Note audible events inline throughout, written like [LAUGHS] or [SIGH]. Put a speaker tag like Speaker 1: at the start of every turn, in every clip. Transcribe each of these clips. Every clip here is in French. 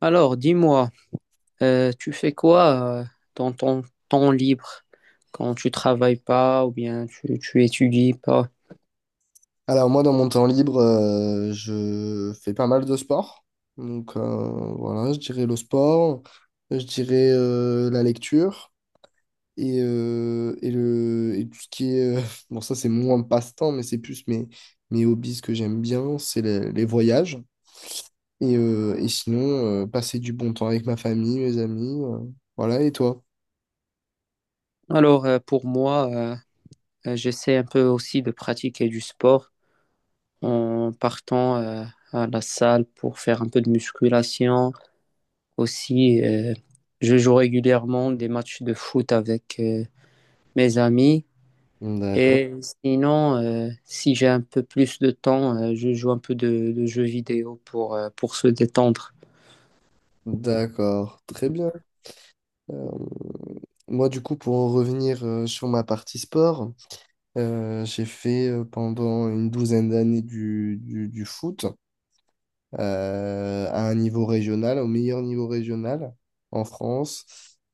Speaker 1: Alors, dis-moi, tu fais quoi dans ton temps libre quand tu travailles pas ou bien tu étudies pas?
Speaker 2: Alors moi, dans mon temps libre, je fais pas mal de sport. Donc voilà, je dirais le sport, je dirais la lecture et tout ce qui est [LAUGHS] bon, ça c'est moins passe-temps, mais c'est plus mes hobbies que j'aime bien, c'est les voyages. Et sinon, passer du bon temps avec ma famille, mes amis. Voilà, et toi?
Speaker 1: Alors, pour moi, j'essaie un peu aussi de pratiquer du sport en partant à la salle pour faire un peu de musculation. Aussi, je joue régulièrement des matchs de foot avec mes amis.
Speaker 2: D'accord.
Speaker 1: Et sinon, si j'ai un peu plus de temps, je joue un peu de jeux vidéo pour se détendre.
Speaker 2: D'accord, très bien. Euh, Moi, du coup, pour en revenir sur ma partie sport. J'ai fait pendant une douzaine d'années du foot à un niveau régional, au meilleur niveau régional en France.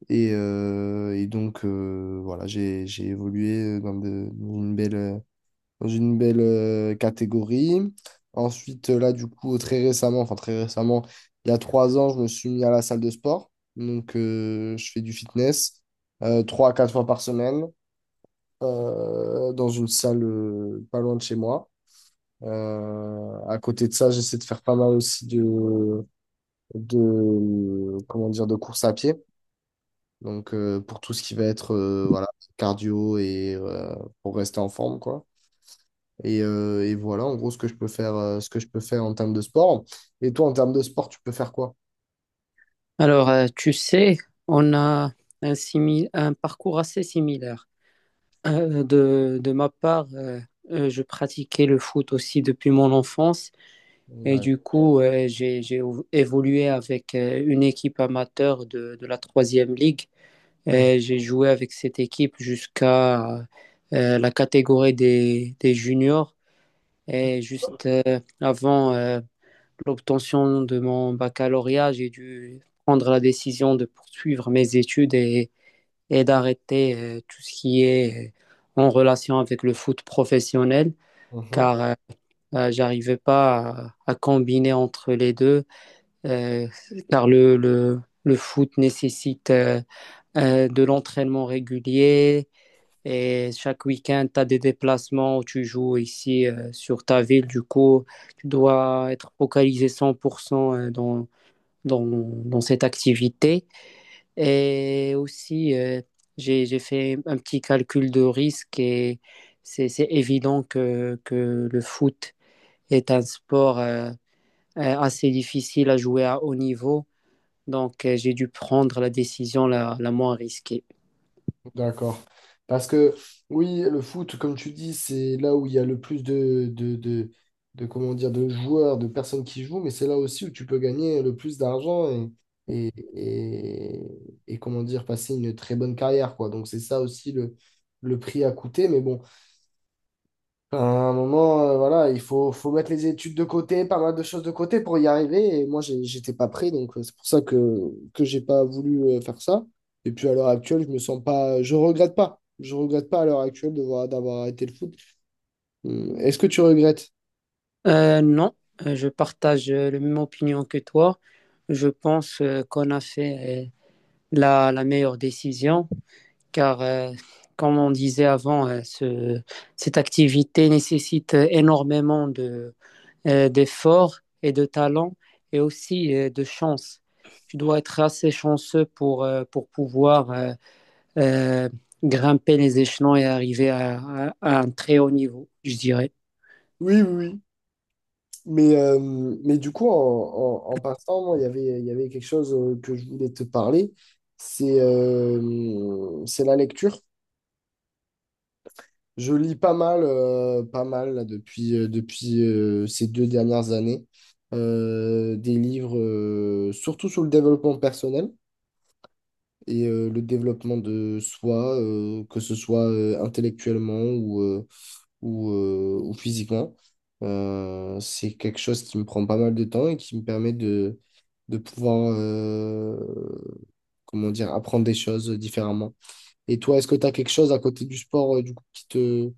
Speaker 2: Et donc, voilà, j'ai évolué dans une belle catégorie. Ensuite, là, du coup, très récemment, enfin très récemment, il y a 3 ans, je me suis mis à la salle de sport. Donc, je fais du fitness 3 à 4 fois par semaine dans une salle pas loin de chez moi. À côté de ça, j'essaie de faire pas mal aussi de comment dire, de course à pied. Donc pour tout ce qui va être voilà, cardio et pour rester en forme, quoi. Et voilà, en gros, ce que je peux faire en termes de sport. Et toi, en termes de sport, tu peux faire quoi?
Speaker 1: Alors, tu sais, on a un parcours assez similaire. De ma part, je pratiquais le foot aussi depuis mon enfance et
Speaker 2: Ouais.
Speaker 1: du coup, évolué avec une équipe amateur de la troisième ligue.
Speaker 2: Mhm.
Speaker 1: Et j'ai joué avec cette équipe jusqu'à la catégorie des juniors et juste avant l'obtention de mon baccalauréat, j'ai dû prendre la décision de poursuivre mes études et d'arrêter tout ce qui est en relation avec le foot professionnel,
Speaker 2: Mhm.
Speaker 1: car j'arrivais pas à combiner entre les deux, euh, car le foot nécessite de l'entraînement régulier. Et chaque week-end, tu as des déplacements où tu joues ici sur ta ville. Du coup, tu dois être focalisé 100% dans cette activité. Et aussi, j'ai fait un petit calcul de risque et c'est évident que le foot est un sport assez difficile à jouer à haut niveau. Donc, j'ai dû prendre la décision la moins risquée.
Speaker 2: D'accord. Parce que oui, le foot, comme tu dis, c'est là où il y a le plus comment dire, de joueurs, de personnes qui jouent, mais c'est là aussi où tu peux gagner le plus d'argent et, et, comment dire, passer une très bonne carrière, quoi. Donc c'est ça aussi le prix à coûter. Mais bon, à un moment, voilà, il faut mettre les études de côté, pas mal de choses de côté pour y arriver. Et moi, j'étais pas prêt, donc c'est pour ça que j'ai pas voulu faire ça. Et puis à l'heure actuelle, je me sens pas, je regrette pas. Je regrette pas à l'heure actuelle d'avoir arrêté le foot. Est-ce que tu regrettes?
Speaker 1: Non, je partage la même opinion que toi. Je pense qu'on a fait la meilleure décision car comme on disait avant, cette activité nécessite énormément d'efforts et de talent et aussi de chance. Tu dois être assez chanceux pour pouvoir euh, grimper les échelons et arriver à un très haut niveau, je dirais.
Speaker 2: Oui, oui, oui. Mais, euh, mais du coup, en passant, moi, il y avait quelque chose que je voulais te parler. C'est la lecture. Je lis pas mal là, depuis ces 2 dernières années. Des livres surtout sur le développement personnel et le développement de soi, que ce soit intellectuellement ou physiquement. C'est quelque chose qui me prend pas mal de temps et qui me permet de pouvoir comment dire, apprendre des choses différemment. Et toi, est-ce que tu as quelque chose à côté du sport, du coup,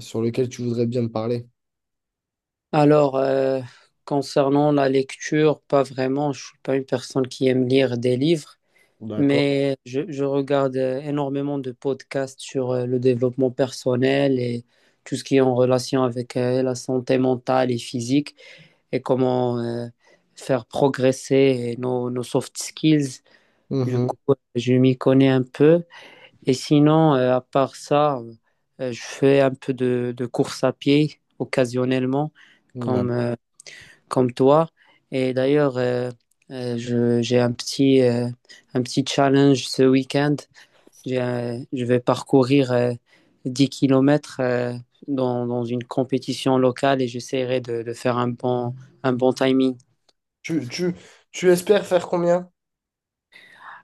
Speaker 2: sur lequel tu voudrais bien me parler.
Speaker 1: Alors, concernant la lecture, pas vraiment, je suis pas une personne qui aime lire des livres.
Speaker 2: D'accord.
Speaker 1: Mais je regarde énormément de podcasts sur le développement personnel et tout ce qui est en relation avec la santé mentale et physique et comment faire progresser nos soft skills. Du
Speaker 2: Mhm.
Speaker 1: coup, je m'y connais un peu. Et sinon, à part ça, je fais un peu de course à pied occasionnellement,
Speaker 2: Ouais.
Speaker 1: comme, euh, comme toi. Et d'ailleurs, j'ai un petit challenge ce week-end, je vais parcourir 10 kilomètres dans une compétition locale et j'essaierai de faire un bon timing.
Speaker 2: Tu, tu, tu espères faire combien?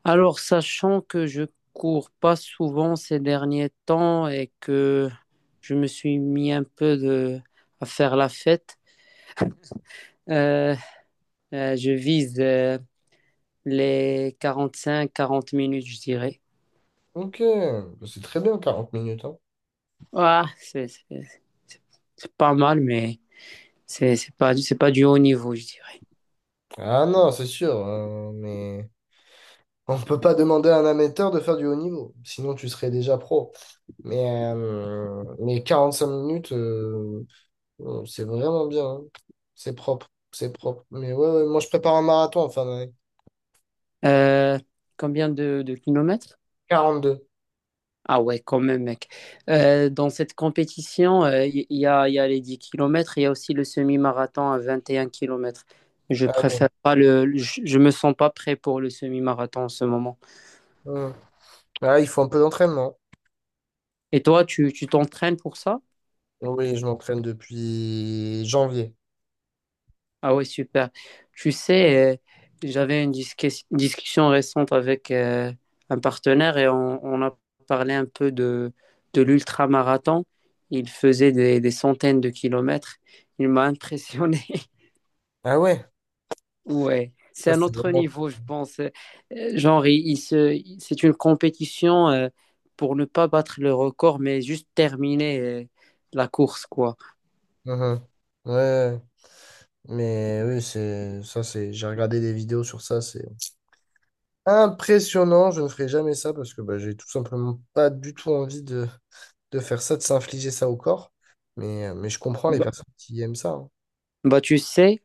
Speaker 1: Alors, sachant que je cours pas souvent ces derniers temps et que je me suis mis un peu à faire la fête, euh, je vise les cinq quarante minutes, je dirais.
Speaker 2: Ok, c'est très bien, 40 minutes, hein.
Speaker 1: Ouais, c'est- c'est pas mal, mais c'est pas du haut niveau, je dirais.
Speaker 2: Ah non, c'est sûr, mais on ne peut pas demander à un amateur de faire du haut niveau, sinon tu serais déjà pro. Mais 5 minutes, c'est vraiment bien, hein. C'est propre, c'est propre. Mais ouais, ouais, moi je prépare un marathon en fin d'année.
Speaker 1: Euh, Combien de kilomètres?
Speaker 2: 42.
Speaker 1: Ah ouais, quand même, mec. Dans cette compétition, il y a les 10 kilomètres, il y a aussi le semi-marathon à 21 kilomètres. Je
Speaker 2: Ah,
Speaker 1: préfère pas je me sens pas prêt pour le semi-marathon en ce moment.
Speaker 2: ouais. Ah, il faut un peu d'entraînement.
Speaker 1: Et toi, tu t'entraînes pour ça?
Speaker 2: Oui, je m'entraîne depuis janvier.
Speaker 1: Ah oui, super. Tu sais, j'avais une discussion récente avec un partenaire et on a parlé un peu de l'ultra-marathon. Il faisait des centaines de kilomètres. Il m'a impressionné. [LAUGHS]
Speaker 2: Ah ouais?
Speaker 1: Ouais, c'est
Speaker 2: Ça,
Speaker 1: un
Speaker 2: c'est
Speaker 1: autre
Speaker 2: vraiment.
Speaker 1: niveau, je pense. Genre, c'est une compétition pour ne pas battre le record, mais juste terminer la course, quoi.
Speaker 2: Mhm. Ouais, ouais, mais oui, c'est ça, c'est. J'ai regardé des vidéos sur ça, c'est impressionnant. Je ne ferai jamais ça parce que bah, j'ai tout simplement pas du tout envie de faire ça, de s'infliger ça au corps. Mais je comprends les
Speaker 1: Bah,
Speaker 2: personnes qui aiment ça, hein.
Speaker 1: bah, tu sais.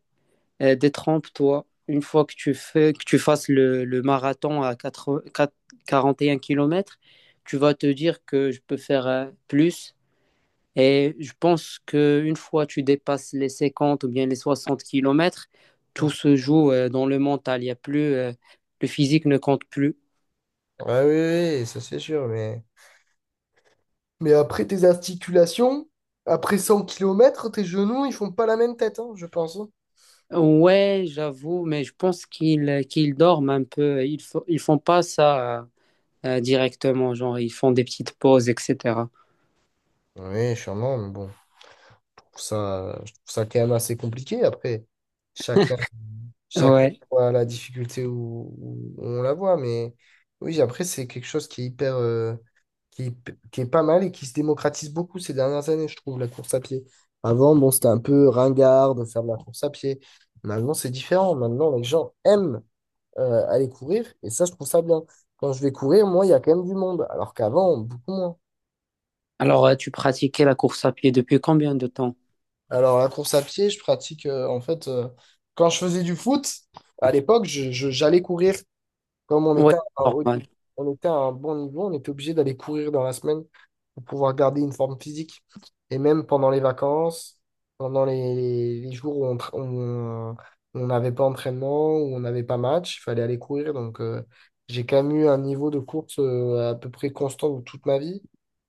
Speaker 1: Détrompe-toi, une fois que tu fasses le marathon à 80 4 41 km, tu vas te dire que je peux faire plus. Et je pense qu'une fois que tu dépasses les 50 ou bien les 60 km, tout se joue dans le mental. Il y a plus, le physique ne compte plus.
Speaker 2: Ouais, oui, oui, oui, ça c'est sûr, mais. Mais après tes articulations, après 100 kilomètres tes genoux, ils font pas la même tête, hein, je pense, hein.
Speaker 1: Ouais, j'avoue, mais je pense qu'ils dorment un peu. Ils font pas ça directement, genre ils font des petites pauses, etc.
Speaker 2: Oui, sûrement, mais bon, je trouve ça quand même assez compliqué. Après, chacun, chacun
Speaker 1: Ouais.
Speaker 2: voit la difficulté où on la voit, mais oui, après, c'est quelque chose qui est hyper, qui est pas mal et qui se démocratise beaucoup ces dernières années, je trouve, la course à pied. Avant, bon, c'était un peu ringard de faire de la course à pied. Maintenant, c'est différent. Maintenant, les gens aiment aller courir et ça, je trouve ça bien. Quand je vais courir, moi, il y a quand même du monde, alors qu'avant, beaucoup moins.
Speaker 1: Alors, tu pratiquais la course à pied depuis combien de temps?
Speaker 2: Alors, la course à pied, je pratique, en fait, quand je faisais du foot à l'époque, j'allais courir. Comme
Speaker 1: Ouais, normal.
Speaker 2: on était à un bon niveau, on était obligé d'aller courir dans la semaine pour pouvoir garder une forme physique. Et même pendant les vacances, pendant les jours où on tra- où on n'avait pas entraînement, où on n'avait pas match, il fallait aller courir. Donc, j'ai quand même eu un niveau de course à peu près constant de toute ma vie.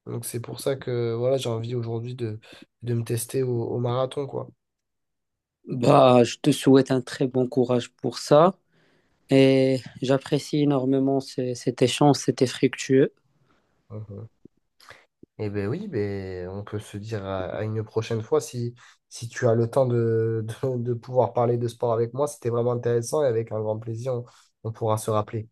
Speaker 2: Donc, c'est pour ça que voilà, j'ai envie aujourd'hui de me tester au marathon, quoi.
Speaker 1: Bah, je te souhaite un très bon courage pour ça. Et j'apprécie énormément cet échange, c'était fructueux.
Speaker 2: Eh ben oui, ben, on peut se dire à une prochaine fois si tu as le temps de, [LAUGHS] de pouvoir parler de sport avec moi. C'était vraiment intéressant et avec un grand plaisir, on pourra se rappeler.